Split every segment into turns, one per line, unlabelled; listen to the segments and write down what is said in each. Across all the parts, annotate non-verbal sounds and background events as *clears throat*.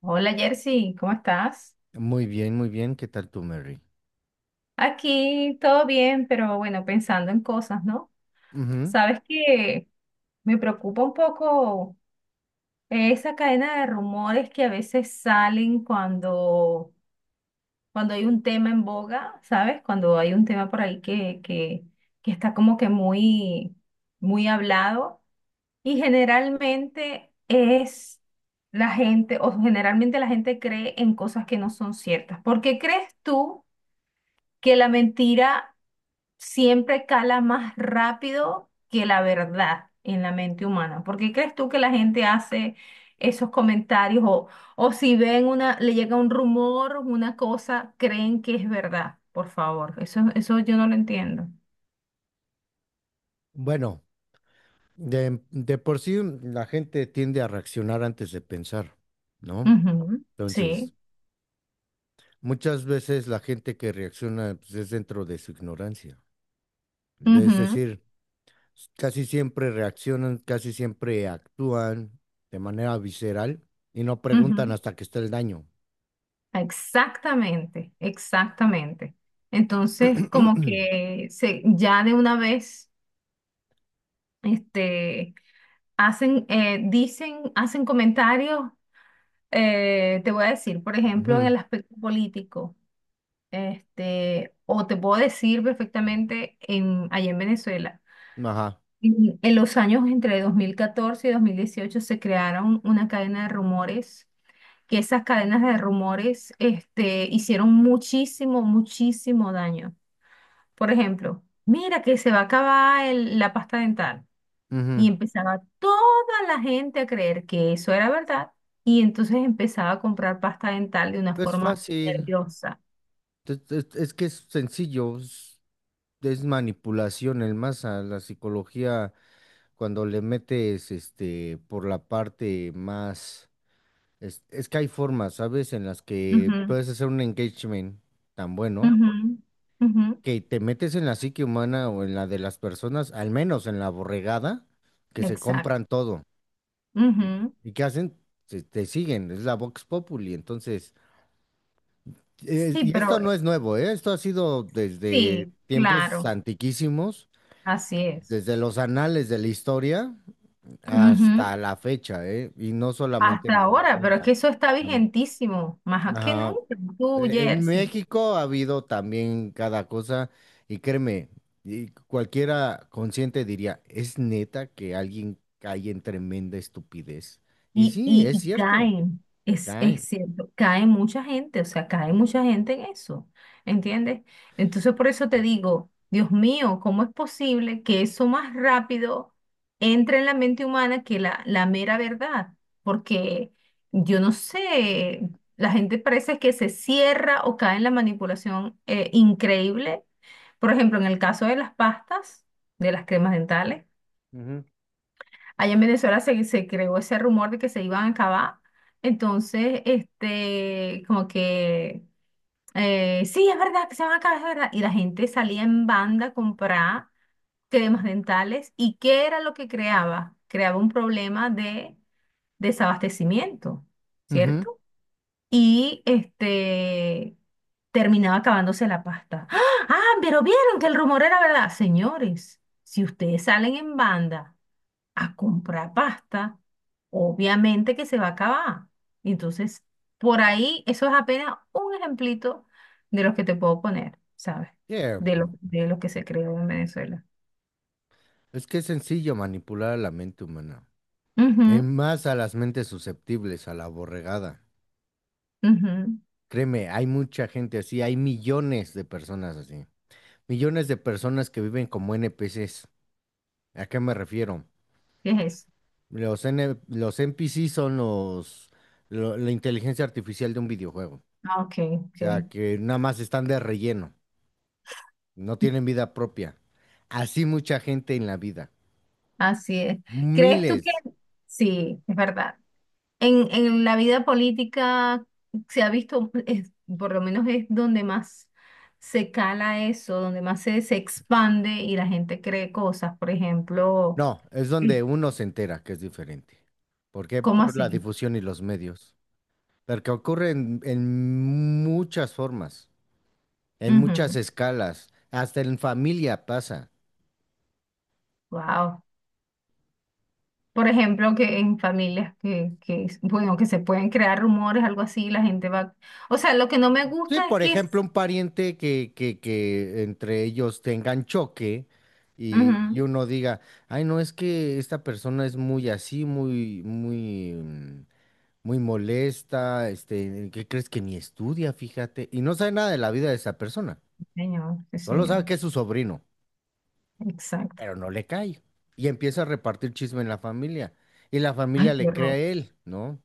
Hola Jersey, ¿cómo estás?
Muy bien, muy bien. ¿Qué tal tú, Mary?
Aquí todo bien, pero bueno, pensando en cosas, ¿no?
Ujú.
Sabes que me preocupa un poco esa cadena de rumores que a veces salen cuando hay un tema en boga, ¿sabes? Cuando hay un tema por ahí que está como que muy, muy hablado. Y generalmente es la gente, o generalmente la gente cree en cosas que no son ciertas. ¿Por qué crees tú que la mentira siempre cala más rápido que la verdad en la mente humana? ¿Por qué crees tú que la gente hace esos comentarios o si ven una, le llega un rumor, una cosa, creen que es verdad? Por favor, eso yo no lo entiendo.
Bueno, de por sí la gente tiende a reaccionar antes de pensar, ¿no?
Ujú, sí.
Entonces, muchas veces la gente que reacciona pues, es dentro de su ignorancia. Es
Ujú,
decir, casi siempre reaccionan, casi siempre actúan de manera visceral y no preguntan
ujú.
hasta que está el daño.
Exactamente, exactamente. Entonces, como
*clears throat*
que se, ya de una vez, este, hacen, dicen, hacen comentarios, te voy a decir, por ejemplo, en
Ujú.
el aspecto político, o te puedo decir perfectamente allá en Venezuela.
Ajá.
En los años entre 2014 y 2018 se crearon una cadena de rumores, que esas cadenas de rumores, hicieron muchísimo, muchísimo daño. Por ejemplo, mira que se va a acabar la pasta dental.
Ujú.
Y empezaba toda la gente a creer que eso era verdad. Y entonces empezaba a comprar pasta dental de una
Es
forma
fácil.
nerviosa.
Es que es sencillo. Es manipulación el más a la psicología cuando le metes este por la parte más es que hay formas, ¿sabes? En las que
Ujú,
puedes hacer un engagement tan bueno
ujú, ujú.
que te metes en la psique humana o en la de las personas, al menos en la borregada, que se
Exacto.
compran todo.
Ujú.
¿Y qué hacen? Te siguen, es la Vox Populi. Entonces,
Sí,
y esto
pero
no es nuevo, ¿eh? Esto ha sido desde
sí,
tiempos
claro,
antiquísimos,
así es.
desde los anales de la historia
Ujú.
hasta la fecha, ¿eh? Y no solamente
Hasta
en
ahora, pero es
Venezuela.
que eso está
Am-
vigentísimo, más que
ajá.
nunca. Tú,
En
Jersey.
México ha habido también cada cosa, y créeme, y cualquiera consciente diría, ¿es neta que alguien cae en tremenda estupidez? Y
Y,
sí,
y,
es
y
cierto,
caen, es
caen.
cierto, cae mucha gente, o sea, cae mucha gente en eso, ¿entiendes? Entonces por eso te digo, Dios mío, ¿cómo es posible que eso más rápido entre en la mente humana que la mera verdad? Porque yo no sé, la gente parece que se cierra o cae en la manipulación increíble. Por ejemplo, en el caso de las pastas, de las cremas dentales.
Ujú,
Allá en Venezuela se creó ese rumor de que se iban a acabar. Entonces, como que, sí, es verdad que se van a acabar, es verdad. Y la gente salía en banda a comprar cremas dentales. ¿Y qué era lo que creaba? Creaba un problema de desabastecimiento,
ujú.
¿cierto? Y terminaba acabándose la pasta. ¡Ah! ¡Ah! Pero vieron que el rumor era verdad. Señores, si ustedes salen en banda a comprar pasta, obviamente que se va a acabar. Entonces, por ahí, eso es apenas un ejemplito de los que te puedo poner, ¿sabes?
Yeah.
De lo que se creó en Venezuela.
Es que es sencillo manipular a la mente humana, en más a las mentes susceptibles a la borregada.
Ujú, ujú.
Créeme, hay mucha gente así, hay millones de personas así. Millones de personas que viven como NPCs. ¿A qué me refiero?
¿Qué es eso?
Los NPCs son la inteligencia artificial de un videojuego. O
Ah, ok,
sea,
ok.
que nada más están de relleno, no tienen vida propia. Así mucha gente en la vida.
Así es. ¿Crees tú que...?
Miles.
Sí, es verdad. En la vida política se ha visto, por lo menos es donde más se cala eso, donde más se expande y la gente cree cosas. Por ejemplo,
No, es donde
sí.
uno se entera que es diferente. ¿Por qué?
¿Cómo
Por la
así?
difusión y los medios. Porque ocurre en muchas formas. En muchas escalas, hasta en familia pasa.
Wow. Por ejemplo, que en familias que, bueno, que se pueden crear rumores, algo así, la gente va. O sea, lo que no me
Sí,
gusta es
por
que es.
ejemplo, un pariente que entre ellos tengan choque y
Ujú.
uno diga, ay, no, es que esta persona es muy así, muy, muy, muy molesta, este, ¿qué crees que ni estudia, fíjate? Y no sabe nada de la vida de esa persona,
Sí, señor, sí,
solo
señor.
sabe que es su sobrino,
Exacto.
pero no le cae. Y empieza a repartir chisme en la familia, y la familia
Ay, qué
le cree a
horror.
él, ¿no?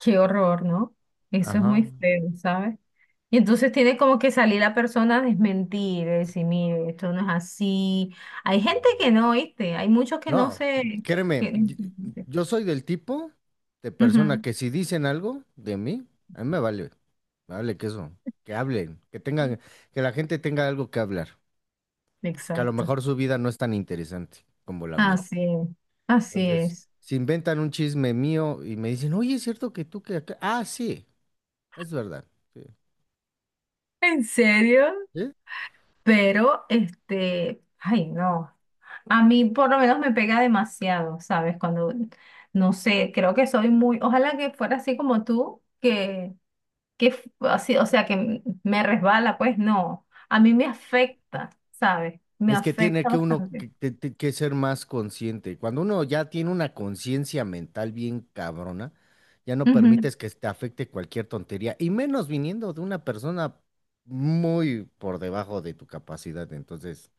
Qué horror, ¿no? Eso es
Ajá.
muy feo, ¿sabes? Y entonces tiene como que salir la persona a desmentir, a decir, mire, esto no es así. Hay gente que no, ¿viste? Hay muchos que no
No,
se...
créeme,
que-
yo soy del tipo de persona
Ujú.
que si dicen algo de mí, a mí me vale que eso, que hablen, que tengan, que la gente tenga algo que hablar, porque a lo
Exacto.
mejor su vida no es tan interesante como la mía.
Así es, así
Entonces,
es.
si inventan un chisme mío y me dicen, oye, ¿es cierto que tú que acá? Ah, sí, es verdad.
¿En serio?
Sí.
Pero, ay, no. A mí por lo menos me pega demasiado, ¿sabes? Cuando, no sé, creo que soy muy, ojalá que fuera así como tú, que, así, o sea, que me resbala, pues no. A mí me afecta, ¿sabes? Me
Es que tiene
afecta
que uno
bastante.
que, que ser más consciente. Cuando uno ya tiene una conciencia mental bien cabrona, ya no
Ujú.
permites que te afecte cualquier tontería, y menos viniendo de una persona muy por debajo de tu capacidad. Entonces,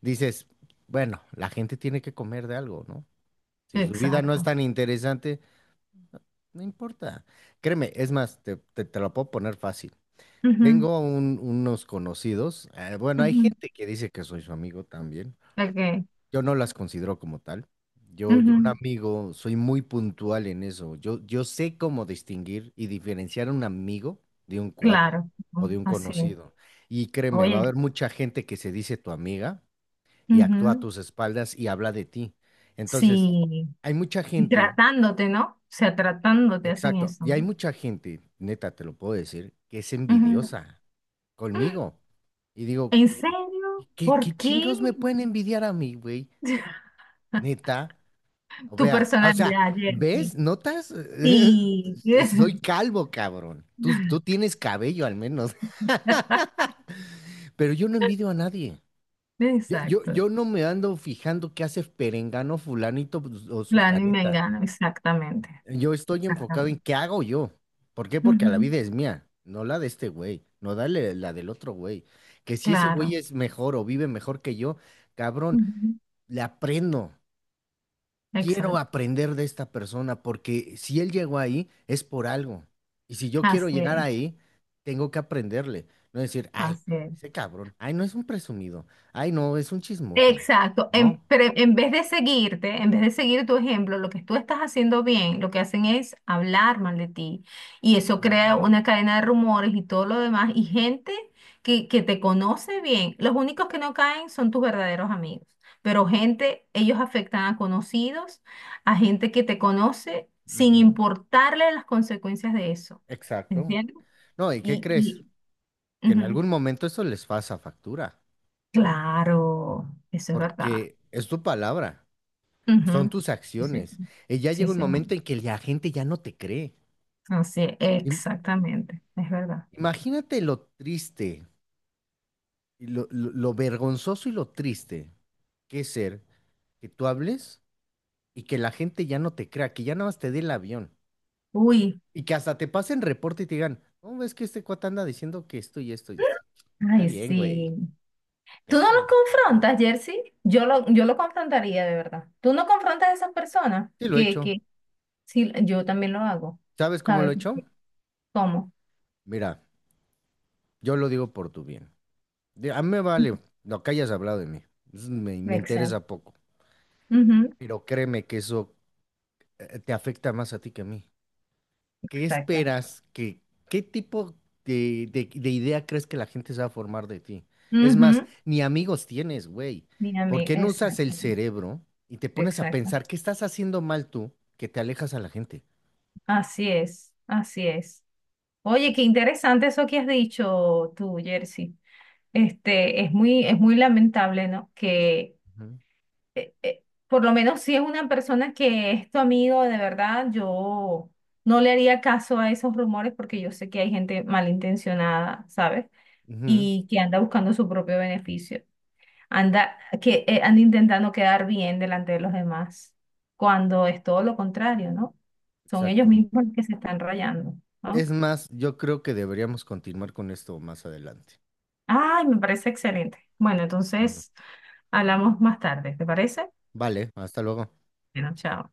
dices, bueno, la gente tiene que comer de algo, ¿no? Si su vida no es
Exacto.
tan interesante, no importa. Créeme, es más, te lo puedo poner fácil.
Ujú,
Tengo unos conocidos, bueno, hay
ujú,
gente que dice que soy su amigo también.
ok,
Yo no las considero como tal. Yo un
ujú,
amigo, soy muy puntual en eso. Yo sé cómo distinguir y diferenciar a un amigo de un cuate
claro,
o de
ujú,
un
así es.
conocido. Y créeme, va a
Oye,
haber mucha gente que se dice tu amiga y actúa a
ujú.
tus espaldas y habla de ti. Entonces,
Sí,
hay mucha
y
gente,
tratándote, ¿no? O sea, tratándote hacen
exacto,
eso,
y hay
¿no?
mucha gente, neta, te lo puedo decir, que es
Ujú.
envidiosa conmigo. Y digo,
¿En serio?
¿qué,
¿Por
qué
qué?
chingados me pueden envidiar a mí, güey?
*laughs*
Neta. O
Tu
vea, ah, o sea,
personalidad, Jersey.
¿ves? ¿Notas?
Sí.
*laughs* Soy
*laughs*
calvo, cabrón. Tú tienes cabello al menos. *laughs* Pero yo no envidio a nadie.
Exacto.
Yo no me ando fijando qué hace perengano, fulanito pues, o
Planning
sutaneta.
Mengano, exactamente.
Yo estoy enfocado en
Exactamente.
qué hago yo. ¿Por qué? Porque la
Ujú,
vida es mía, no la de este güey, no dale la del otro güey. Que si ese güey
claro.
es mejor o vive mejor que yo, cabrón,
Ujú,
le aprendo. Quiero
exacto.
aprender de esta persona porque si él llegó ahí es por algo. Y si yo quiero
Así
llegar
es,
ahí, tengo que aprenderle. No decir, ay,
así es.
ese cabrón, ay, no es un presumido, ay, no, es un chismoso.
Exacto. En,
No.
pre- en vez de seguirte, en vez de seguir tu ejemplo, lo que tú estás haciendo bien, lo que hacen es hablar mal de ti. Y eso crea una cadena de rumores y todo lo demás. Y gente que te conoce bien, los únicos que no caen son tus verdaderos amigos. Pero gente, ellos afectan a conocidos, a gente que te conoce, sin
Ujú.
importarle las consecuencias de eso.
Exacto.
¿Entiendes?
No, ¿y qué
Y,
crees?
y
Que en
ujú,
algún momento eso les pasa factura,
claro, eso es verdad.
porque es tu palabra, son
Ujú.
tus
Sí, sí,
acciones. Y ya
sí,
llega un
señor.
momento en que la gente ya no te cree.
Así,
Im-
exactamente, es verdad.
Imagínate lo triste, y lo vergonzoso y lo triste que ser que tú hables y que la gente ya no te crea, que ya nada más te dé el avión
Uy,
y que hasta te pasen reporte y te digan, no, es que este cuate anda diciendo que esto y esto y esto. Está
ay,
bien, güey,
sí. ¿Tú no los
déjalo.
confrontas, Jersey? Yo lo confrontaría de verdad. ¿Tú no confrontas a esas personas?
Sí lo he hecho.
Sí, yo también lo hago.
¿Sabes cómo lo
¿Sabes?
he hecho?
¿Cómo?
Mira, yo lo digo por tu bien. A mí me vale lo que hayas hablado de mí. Eso me, me
Exacto.
interesa poco.
Ujú,
Pero créeme que eso te afecta más a ti que a mí. ¿Qué
exacto.
esperas? ¿Qué, qué tipo de idea crees que la gente se va a formar de ti? Es
Ujú.
más, ni amigos tienes, güey.
Mira,
¿Por
mi-
qué no usas el
exacto.
cerebro y te pones a
Exacto.
pensar qué estás haciendo mal tú que te alejas a la gente?
Así es, así es. Oye, qué interesante eso que has dicho tú, Jersey. Es muy lamentable, ¿no? Que
Ujú.
por lo menos si es una persona que es tu amigo de verdad, yo no le haría caso a esos rumores porque yo sé que hay gente malintencionada, ¿sabes?
Ujú,
Y que anda buscando su propio beneficio. Anda, que anda intentando quedar bien delante de los demás, cuando es todo lo contrario, ¿no? Son ellos
exacto.
mismos los que se están rayando, ¿no?
Es más, yo creo que deberíamos continuar con esto más adelante.
Ay, me parece excelente. Bueno,
Bueno,
entonces hablamos más tarde, ¿te parece?
vale, hasta luego.
Bueno, chao.